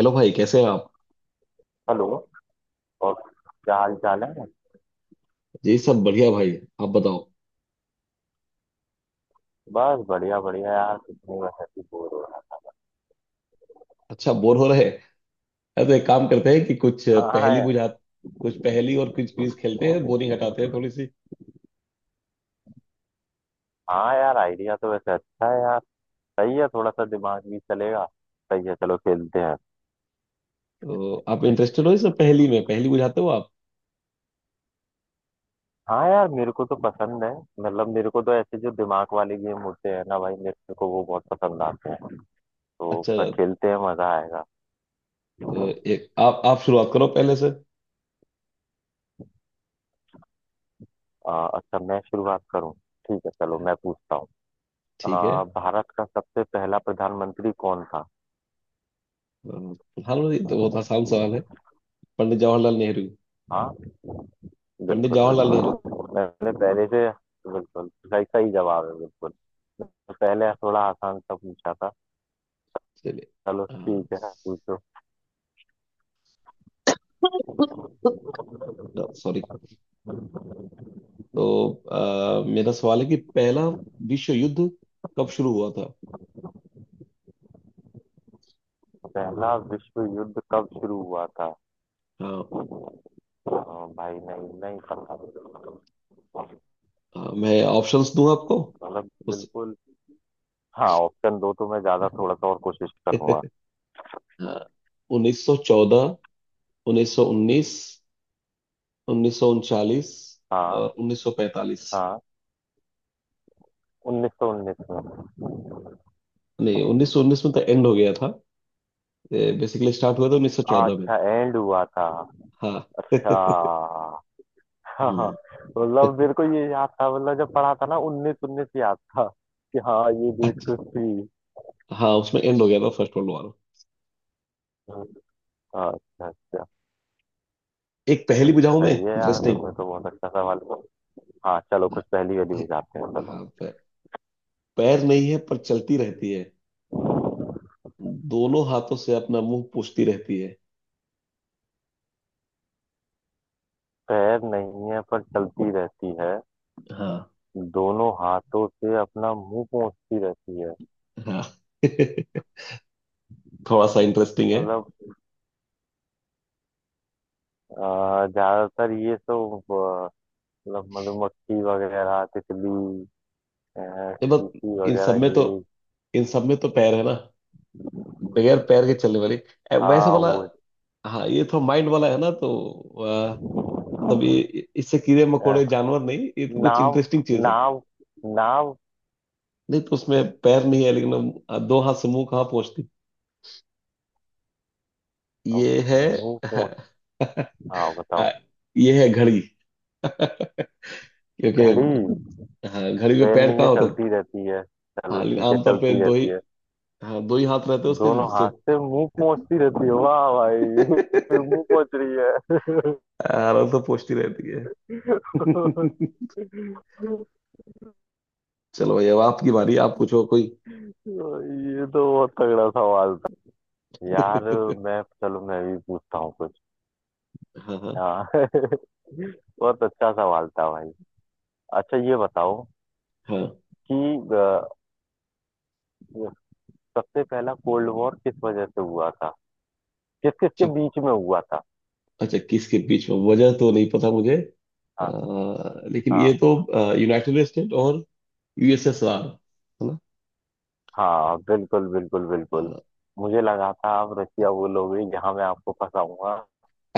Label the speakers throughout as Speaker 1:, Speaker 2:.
Speaker 1: Hello भाई, कैसे हैं आप?
Speaker 2: हेलो। और क्या हाल चाल है।
Speaker 1: जी सब बढ़िया भाई। आप बताओ।
Speaker 2: बस बढ़िया बढ़िया यार, कुछ नहीं, बस ऐसे ही बोर हो रहा
Speaker 1: अच्छा, बोर हो रहे हैं। अरे तो एक काम करते हैं कि कुछ
Speaker 2: था। हाँ
Speaker 1: पहेली
Speaker 2: यार।
Speaker 1: बुझा, कुछ पहेली और कुछ क्विज खेलते हैं, बोरिंग हटाते हैं थोड़ी सी।
Speaker 2: हाँ यार, आइडिया तो वैसे अच्छा है यार। सही है, थोड़ा सा दिमाग भी चलेगा। सही है, चलो खेलते हैं।
Speaker 1: तो आप इंटरेस्टेड हो इस पहेली में? पहेली बुझाते हो आप?
Speaker 2: हाँ यार, मेरे को तो पसंद है। मतलब मेरे को तो ऐसे जो दिमाग वाले गेम होते हैं ना भाई, मेरे को तो वो बहुत पसंद आते हैं। तो
Speaker 1: अच्छा,
Speaker 2: पर खेलते हैं, मजा आएगा।
Speaker 1: तो एक आप शुरुआत करो पहले से।
Speaker 2: अच्छा, मैं शुरुआत करूँ। ठीक है चलो, मैं पूछता हूँ।
Speaker 1: ठीक है।
Speaker 2: भारत का सबसे पहला प्रधानमंत्री कौन था।
Speaker 1: प्रधानमंत्री तो बहुत आसान सवाल है। पंडित जवाहरलाल नेहरू।
Speaker 2: हाँ,
Speaker 1: पंडित
Speaker 2: बिल्कुल
Speaker 1: जवाहरलाल नेहरू।
Speaker 2: बिल्कुल, मैंने पहले से बिल्कुल सही सही जवाब है, बिल्कुल पहले थोड़ा आसान सा पूछा था।
Speaker 1: चलिए।
Speaker 2: चलो ठीक है, पूछो।
Speaker 1: सॉरी। तो मेरा सवाल है कि पहला विश्व युद्ध कब शुरू हुआ था।
Speaker 2: पहला विश्व युद्ध कब शुरू हुआ था।
Speaker 1: हाँ।
Speaker 2: हाँ, भाई नहीं, नहीं पता।
Speaker 1: हाँ, मैं ऑप्शंस दूं आपको?
Speaker 2: मतलब
Speaker 1: उस।
Speaker 2: बिल्कुल। हाँ ऑप्शन दो तो मैं ज्यादा थोड़ा सा और कोशिश करूंगा।
Speaker 1: हाँ, 1914, 1919, 1939
Speaker 2: हाँ,
Speaker 1: और 1945।
Speaker 2: हाँ, 1919 में।
Speaker 1: नहीं, 1919 में तो एंड हो गया था। बेसिकली स्टार्ट हुआ था उन्नीस सौ
Speaker 2: हाँ,
Speaker 1: चौदह में।
Speaker 2: अच्छा, एंड हुआ था।
Speaker 1: हाँ।
Speaker 2: अच्छा। हाँ।
Speaker 1: हम्म।
Speaker 2: मतलब मेरे को ये याद था, मतलब जब पढ़ा था ना, उन्नीस उन्नीस याद था कि हाँ ये डेट
Speaker 1: अच्छा।
Speaker 2: कुछ थी।
Speaker 1: हाँ, उसमें एंड हो गया था फर्स्ट वर्ल्ड वॉर।
Speaker 2: अच्छा। अच्छा अच्छा।
Speaker 1: एक
Speaker 2: तो
Speaker 1: पहेली बुझाऊं मैं,
Speaker 2: सही है यार,
Speaker 1: इंटरेस्टिंग।
Speaker 2: तुमने तो बहुत अच्छा सवाल पूछा। हाँ चलो,
Speaker 1: हाँ।
Speaker 2: कुछ पहेली वहेली
Speaker 1: हे-
Speaker 2: बुझाते हैं, चलो।
Speaker 1: हाँ, पैर नहीं है पर चलती रहती है। दोनों हाथों से अपना मुंह पूछती रहती है।
Speaker 2: पैर नहीं है पर चलती रहती है।
Speaker 1: हाँ।
Speaker 2: दोनों हाथों से अपना मुंह पोंछती रहती है।
Speaker 1: हाँ। थोड़ा सा इंटरेस्टिंग है।
Speaker 2: मतलब ज्यादातर ये सब मतलब मधुमक्खी वगैरह, तितली, अ,
Speaker 1: ये बस,
Speaker 2: चींटी
Speaker 1: इन
Speaker 2: वगैरह
Speaker 1: सब में तो
Speaker 2: ये।
Speaker 1: इन सब में तो पैर है ना। बगैर पैर के चलने वाली वैसे
Speaker 2: हाँ
Speaker 1: वाला।
Speaker 2: वो।
Speaker 1: हाँ, ये थोड़ा माइंड वाला है ना तो मतलब ये, इससे कीड़े मकोड़े
Speaker 2: अ,
Speaker 1: जानवर नहीं, ये तो कुछ
Speaker 2: नाव,
Speaker 1: इंटरेस्टिंग चीज है।
Speaker 2: नाव, नाव।
Speaker 1: नहीं तो उसमें पैर नहीं है लेकिन दो हाथ से मुंह कहाँ पहुंचती।
Speaker 2: अ,
Speaker 1: ये है।
Speaker 2: मुंह पोंछ। हाँ
Speaker 1: आ,
Speaker 2: बताओ।
Speaker 1: ये है घड़ी। क्योंकि
Speaker 2: घड़ी।
Speaker 1: हाँ, घड़ी में
Speaker 2: ट्रेन
Speaker 1: पैर
Speaker 2: नहीं
Speaker 1: कहाँ
Speaker 2: है,
Speaker 1: होता है?
Speaker 2: चलती रहती है। चलो
Speaker 1: हाँ, लेकिन
Speaker 2: ठीक है,
Speaker 1: आमतौर पे
Speaker 2: चलती
Speaker 1: दो ही,
Speaker 2: रहती है।
Speaker 1: हाँ दो ही हाथ रहते हैं उसके,
Speaker 2: दोनों
Speaker 1: जिससे।
Speaker 2: हाथ से मुंह पहुंचती रहती है, वाह भाई। मुंह पहुंच रही है।
Speaker 1: आराम से पहुंचती रहती है। चलो भाई, अब आपकी बारी, आप पूछो कोई।
Speaker 2: ये तो बहुत तगड़ा सवाल था यार। मैं चलो मैं भी पूछता हूँ कुछ।
Speaker 1: हाँ हाँ
Speaker 2: हाँ। बहुत अच्छा सवाल था भाई। अच्छा, ये बताओ
Speaker 1: हाँ।
Speaker 2: कि अ, सबसे पहला कोल्ड वॉर किस वजह से हुआ था, किस किस के
Speaker 1: अच्छा,
Speaker 2: बीच में हुआ था।
Speaker 1: अच्छा किसके बीच में, वजह तो नहीं पता मुझे,
Speaker 2: हाँ।
Speaker 1: लेकिन ये
Speaker 2: हाँ,
Speaker 1: तो यूनाइटेड स्टेट और यूएसएसआर है ना।
Speaker 2: हाँ, बिल्कुल बिल्कुल बिल्कुल।
Speaker 1: हाँ।
Speaker 2: मुझे लगा था आप रशिया बोलोगे जहाँ मैं आपको फंसाऊंगा,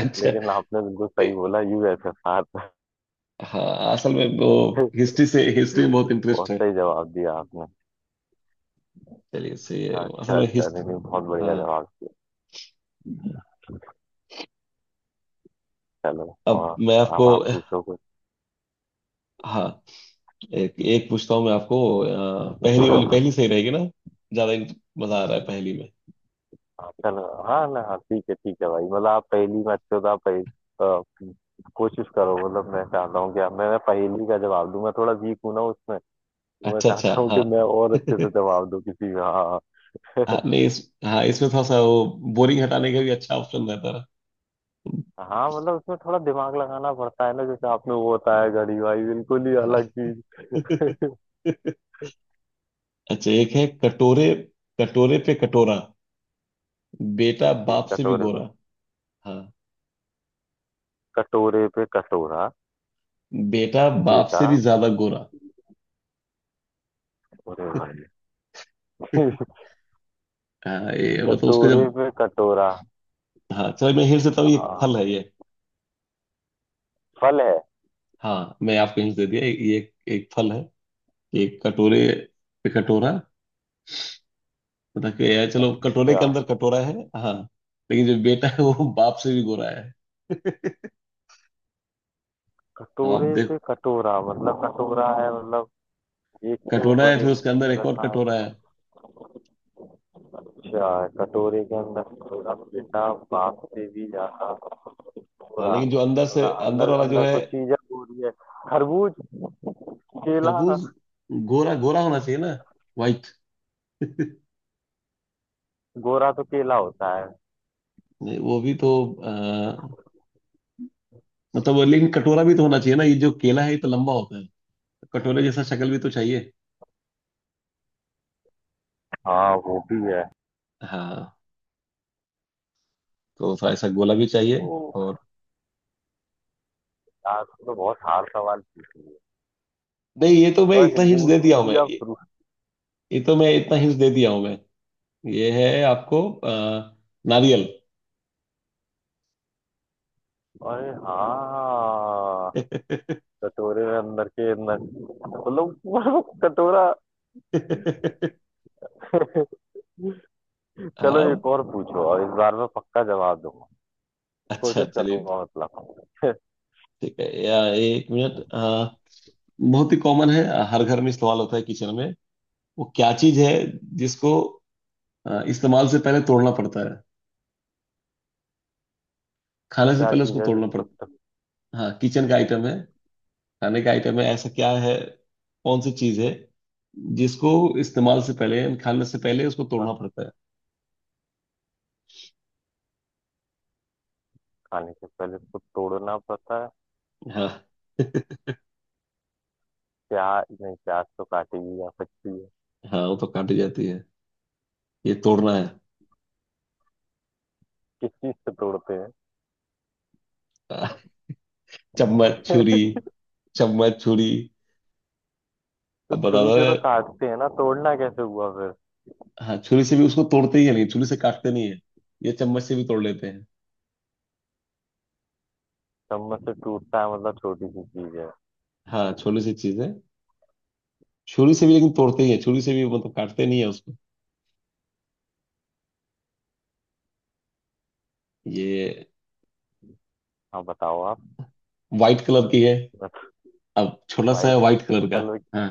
Speaker 1: अच्छा।
Speaker 2: लेकिन आपने बिल्कुल
Speaker 1: नहीं,
Speaker 2: सही बोला, यूएसएसआर।
Speaker 1: हाँ असल में वो, हिस्ट्री से, हिस्ट्री में बहुत इंटरेस्ट
Speaker 2: बहुत
Speaker 1: है।
Speaker 2: सही जवाब दिया आपने।
Speaker 1: चलिए, से असल
Speaker 2: अच्छा
Speaker 1: में
Speaker 2: अच्छा, नहीं
Speaker 1: हिस्ट्री।
Speaker 2: नहीं, बहुत बढ़िया
Speaker 1: हाँ।
Speaker 2: जवाब दिया। चलो,
Speaker 1: अब
Speaker 2: और
Speaker 1: मैं
Speaker 2: अब
Speaker 1: आपको,
Speaker 2: आप पूछो कुछ।
Speaker 1: हाँ एक एक पूछता हूँ मैं आपको, पहली वाली, पहली सही रहेगी ना। ज्यादा मजा आ रहा है पहली में।
Speaker 2: हाँ, चलो, हाँ ना, हाँ ठीक है भाई। मतलब आप पहेली में अच्छे हो तो आप पहेली अ, कोशिश करो। मतलब मैं चाहता हूँ कि आप मैं पहेली का जवाब दूं, मैं थोड़ा वीक हूं ना उसमें। तो मैं
Speaker 1: अच्छा अच्छा।
Speaker 2: चाहता हूँ कि
Speaker 1: हाँ।
Speaker 2: मैं और अच्छे से जवाब दूं किसी का। हाँ।
Speaker 1: हाँ नहीं, हाँ इसमें थोड़ा सा वो, बोरिंग हटाने का भी अच्छा ऑप्शन रहता है।
Speaker 2: हाँ। मतलब उसमें थोड़ा दिमाग लगाना पड़ता है ना, जैसे आपने वो बताया घड़ी, भाई बिल्कुल ही अलग
Speaker 1: हाँ।
Speaker 2: चीज।
Speaker 1: अच्छा, एक है। कटोरे, कटोरे पे कटोरा, बेटा
Speaker 2: ओके।
Speaker 1: बाप से भी
Speaker 2: कटोरे पे
Speaker 1: गोरा। हाँ,
Speaker 2: कटोरे पे कटोरा,
Speaker 1: बेटा बाप
Speaker 2: बेटा।
Speaker 1: से भी ज्यादा गोरा।
Speaker 2: अरे भाई।
Speaker 1: हाँ, ये मतलब उसको जब,
Speaker 2: कटोरे पे कटोरा।
Speaker 1: हाँ चलो मैं हिंट देता हूँ, ये एक फल
Speaker 2: हाँ,
Speaker 1: है ये।
Speaker 2: फल है।
Speaker 1: हाँ, मैं आपको हिंट दे दिया। ये एक फल है। एक कटोरे पे कटोरा मतलब कि ये, चलो, कटोरे
Speaker 2: अच्छा,
Speaker 1: के अंदर कटोरा है। हाँ, लेकिन जो बेटा है वो बाप से भी गोरा है। अब आप
Speaker 2: कटोरे
Speaker 1: देख,
Speaker 2: पे कटोरा मतलब कटोरा है, मतलब एक के
Speaker 1: कटोरा है
Speaker 2: ऊपर
Speaker 1: फिर उसके अंदर
Speaker 2: एक
Speaker 1: एक और
Speaker 2: रखा है।
Speaker 1: कटोरा है।
Speaker 2: अच्छा, कटोरे के अंदर कटोरा, बेटा बाप से भी ज्यादा,
Speaker 1: हाँ,
Speaker 2: कटोरा
Speaker 1: लेकिन जो अंदर से,
Speaker 2: मतलब
Speaker 1: अंदर
Speaker 2: अंदर
Speaker 1: वाला जो
Speaker 2: अंदर
Speaker 1: है,
Speaker 2: कुछ चीजें हो रही है। खरबूज।
Speaker 1: खरबूज
Speaker 2: केला।
Speaker 1: गोरा गोरा होना चाहिए ना, वाइट।
Speaker 2: गोरा तो केला होता है।
Speaker 1: वो भी तो आ, मतलब वो, लेकिन कटोरा भी तो होना चाहिए ना, ये जो केला है ये तो लंबा होता है। कटोरे जैसा शक्ल भी तो चाहिए।
Speaker 2: हाँ वो भी है।
Speaker 1: हाँ, तो थोड़ा ऐसा गोला भी चाहिए,
Speaker 2: तो
Speaker 1: और
Speaker 2: यार तो बहुत हार्ड सवाल पूछा,
Speaker 1: नहीं। ये तो मैं
Speaker 2: और
Speaker 1: इतना हिंट्स दे
Speaker 2: लिंक भी
Speaker 1: दिया हूँ मैं,
Speaker 2: दिया
Speaker 1: ये
Speaker 2: प्रूफ।
Speaker 1: ये तो मैं इतना हिंट्स दे दिया हूँ मैं। ये है आपको, नारियल।
Speaker 2: अरे हाँ। कटोरे में अंदर के अंदर मतलब पूरा कटोरा। चलो,
Speaker 1: हाँ।
Speaker 2: एक और पूछो, और इस बार मैं पक्का जवाब दूंगा।
Speaker 1: अच्छा,
Speaker 2: कोशिश
Speaker 1: चलिए।
Speaker 2: करूंगा मतलब।
Speaker 1: ठीक है, या एक मिनट। बहुत ही कॉमन है, हर घर में इस्तेमाल होता है किचन में। वो क्या चीज है जिसको इस्तेमाल से पहले तोड़ना पड़ता है, खाने से
Speaker 2: क्या
Speaker 1: पहले उसको
Speaker 2: चीज है
Speaker 1: तोड़ना पड़ता
Speaker 2: जिसको टक्का।
Speaker 1: है। हाँ, किचन का आइटम है, खाने का आइटम है। ऐसा क्या है, कौन सी चीज है जिसको इस्तेमाल से पहले, यानी खाने से पहले उसको तोड़ना पड़ता
Speaker 2: खाने से पहले उसको तोड़ना पड़ता है।
Speaker 1: है। हाँ।
Speaker 2: प्याज नहीं, प्याज तो काटी भी जा सकती है।
Speaker 1: हाँ, वो तो काटी जाती है, ये तोड़ना है।
Speaker 2: किस चीज से तोड़ते हैं।
Speaker 1: हाँ, चम्मच, छुरी, चम्मच, छुरी।
Speaker 2: तो
Speaker 1: अब बता
Speaker 2: छुरी
Speaker 1: दो
Speaker 2: से तो
Speaker 1: यार।
Speaker 2: काटते हैं ना, तोड़ना कैसे हुआ फिर।
Speaker 1: हाँ, छुरी से भी उसको तोड़ते ही है, नहीं छुरी से काटते नहीं है। ये चम्मच से भी तोड़ लेते हैं।
Speaker 2: चम्मच से टूटता है मतलब छोटी सी चीज है।
Speaker 1: हाँ, छोटी सी चीज है। छुरी से भी लेकिन तोड़ते ही है, छुरी से भी मतलब काटते नहीं है उसको। ये
Speaker 2: हाँ बताओ आप।
Speaker 1: व्हाइट कलर की है, अब छोटा सा है,
Speaker 2: व्हाइट
Speaker 1: व्हाइट कलर का।
Speaker 2: कलर की।
Speaker 1: हाँ,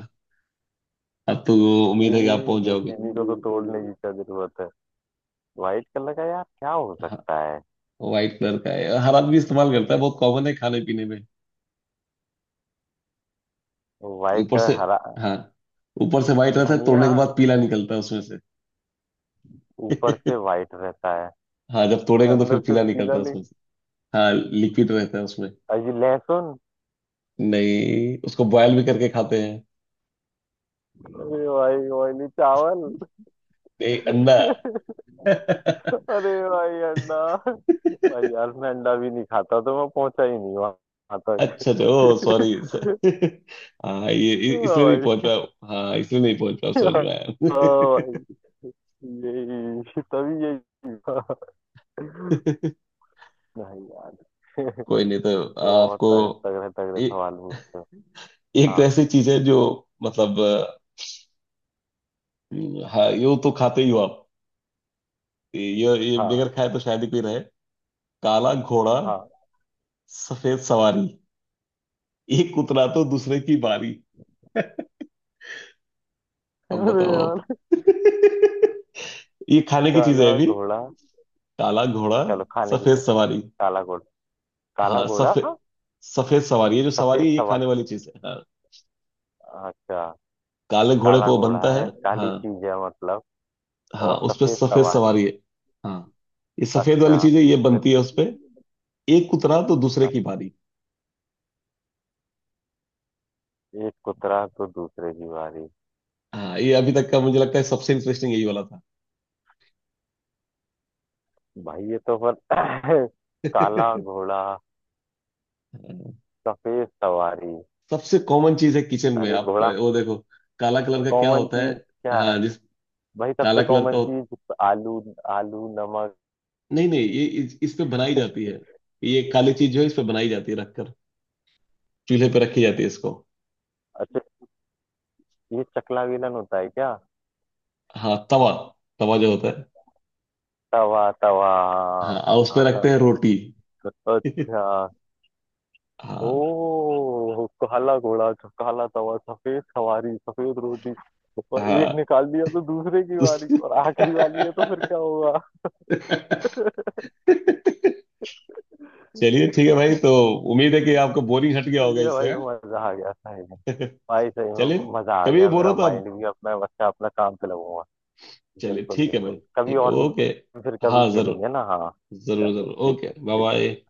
Speaker 1: अब तो उम्मीद है कि
Speaker 2: चीनी।
Speaker 1: आप पहुंच
Speaker 2: नहीं,
Speaker 1: जाओगे।
Speaker 2: चीनी को तो तोड़ने की क्या जरूरत है। व्हाइट कलर का यार क्या हो
Speaker 1: हाँ,
Speaker 2: सकता है।
Speaker 1: व्हाइट कलर का है, हर आदमी इस्तेमाल करता है, बहुत कॉमन है खाने पीने में।
Speaker 2: व्हाइट
Speaker 1: ऊपर
Speaker 2: कलर
Speaker 1: से,
Speaker 2: हरा।
Speaker 1: हाँ ऊपर से व्हाइट रहता है,
Speaker 2: धनिया।
Speaker 1: तोड़ने के बाद पीला निकलता है उसमें से।
Speaker 2: ऊपर से व्हाइट रहता है।
Speaker 1: हाँ, जब तोड़ेंगे तो फिर
Speaker 2: अंदर से
Speaker 1: पीला निकलता
Speaker 2: पीला,
Speaker 1: है
Speaker 2: नहीं?
Speaker 1: उसमें से। हाँ, लिक्विड रहता है उसमें।
Speaker 2: अजी लहसुन।
Speaker 1: नहीं, उसको बॉयल भी करके खाते हैं।
Speaker 2: अरे भाई ऑयली चावल।
Speaker 1: नहीं, अंडा।
Speaker 2: अरे भाई अंडा। भाई यार, मैं अंडा भी नहीं खाता, तो मैं पहुंचा ही नहीं वहां
Speaker 1: अच्छा अच्छा, ओ सॉरी।
Speaker 2: तक।
Speaker 1: हाँ, ये
Speaker 2: हाँ
Speaker 1: इसलिए नहीं पहुंच
Speaker 2: भाई।
Speaker 1: पाया। हाँ, इसलिए नहीं पहुंच पाया,
Speaker 2: हाँ
Speaker 1: समझ में आया।
Speaker 2: भाई, यही तभी यही था। नहीं यार।
Speaker 1: कोई नहीं। तो
Speaker 2: तो बहुत
Speaker 1: आपको,
Speaker 2: तगड़े तगड़े
Speaker 1: ए,
Speaker 2: सवाल पूछते हो।
Speaker 1: एक तो
Speaker 2: हाँ
Speaker 1: ऐसी चीज है जो, मतलब हाँ, यूं तो खाते ही हो आप, ये ये
Speaker 2: हाँ
Speaker 1: बगैर खाए तो शायद ही कोई रहे। काला घोड़ा,
Speaker 2: हाँ।
Speaker 1: सफेद सवारी, एक उतरा तो दूसरे की बारी। अब
Speaker 2: अरे
Speaker 1: बताओ आप।
Speaker 2: यार।
Speaker 1: ये खाने की चीज
Speaker 2: काला
Speaker 1: है अभी।
Speaker 2: घोड़ा।
Speaker 1: काला घोड़ा,
Speaker 2: चलो, खाने की
Speaker 1: सफेद
Speaker 2: चीज।
Speaker 1: सवारी।
Speaker 2: काला घोड़ा। काला
Speaker 1: हाँ,
Speaker 2: घोड़ा
Speaker 1: सफेद, सफेद सवारी है, जो
Speaker 2: सफेद
Speaker 1: सवारी है ये खाने
Speaker 2: सवारी।
Speaker 1: वाली चीज है हाँ।
Speaker 2: अच्छा,
Speaker 1: काले घोड़े
Speaker 2: काला
Speaker 1: को
Speaker 2: घोड़ा
Speaker 1: बनता है।
Speaker 2: है काली
Speaker 1: हाँ।
Speaker 2: चीज है मतलब।
Speaker 1: हाँ,
Speaker 2: और
Speaker 1: उस पे
Speaker 2: सफेद
Speaker 1: सफेद
Speaker 2: सवारी।
Speaker 1: सवारी है। हाँ, ये सफेद वाली
Speaker 2: अच्छा।
Speaker 1: चीज है, ये
Speaker 2: फिर।
Speaker 1: बनती है उस पे। एक उतरा तो दूसरे
Speaker 2: अच्छा,
Speaker 1: की बारी।
Speaker 2: एक उतरा तो दूसरे की बारी।
Speaker 1: हाँ, ये अभी तक का मुझे लगता है सबसे इंटरेस्टिंग यही वाला था।
Speaker 2: भाई ये तो पर काला घोड़ा सफेद सवारी।
Speaker 1: सबसे कॉमन चीज है किचन में,
Speaker 2: अरे
Speaker 1: आप
Speaker 2: घोड़ा।
Speaker 1: वो देखो। काला कलर का क्या
Speaker 2: कॉमन
Speaker 1: होता है।
Speaker 2: चीज क्या है।
Speaker 1: हाँ, जिस,
Speaker 2: भाई
Speaker 1: काला
Speaker 2: सबसे
Speaker 1: कलर का
Speaker 2: कॉमन चीज। आलू। आलू नमक।
Speaker 1: नहीं नहीं, ये इस पे बनाई जाती है। ये काली चीज जो है इस पे बनाई जाती है, रखकर, चूल्हे पे रखी जाती है इसको।
Speaker 2: अच्छा, ये चकला बेलन होता है क्या।
Speaker 1: हाँ, तवा, तवा जो होता है।
Speaker 2: तवा तवा।
Speaker 1: हाँ, और उस पे रखते हैं रोटी।
Speaker 2: अच्छा।
Speaker 1: हाँ।
Speaker 2: ओ काला घोड़ा काला तवा सफेद सवारी सफेद रोटी, और एक
Speaker 1: हाँ
Speaker 2: निकाल दिया तो दूसरे की
Speaker 1: उस-
Speaker 2: बारी, और आखिरी वाली है तो फिर क्या होगा।
Speaker 1: चलिए ठीक है भाई, तो उम्मीद है कि आपको बोरिंग हट गया
Speaker 2: तो
Speaker 1: होगा
Speaker 2: ये
Speaker 1: इससे,
Speaker 2: भाई,
Speaker 1: हाँ?
Speaker 2: मजा आ गया सही में। भाई सही
Speaker 1: चलिए,
Speaker 2: में मजा आ
Speaker 1: कभी भी
Speaker 2: गया,
Speaker 1: बोर हो
Speaker 2: मेरा
Speaker 1: तो आप,
Speaker 2: माइंड भी अपना बच्चा अपना काम पे लगूंगा।
Speaker 1: चलिए
Speaker 2: बिल्कुल
Speaker 1: ठीक है भाई,
Speaker 2: बिल्कुल, कभी
Speaker 1: ठीक है,
Speaker 2: और
Speaker 1: ओके।
Speaker 2: भी फिर कभी
Speaker 1: हाँ जरूर,
Speaker 2: खेलेंगे ना, हाँ।
Speaker 1: जरूर
Speaker 2: चलो
Speaker 1: जरूर,
Speaker 2: ठीक
Speaker 1: ओके,
Speaker 2: है,
Speaker 1: बाय
Speaker 2: ठीक
Speaker 1: बाय।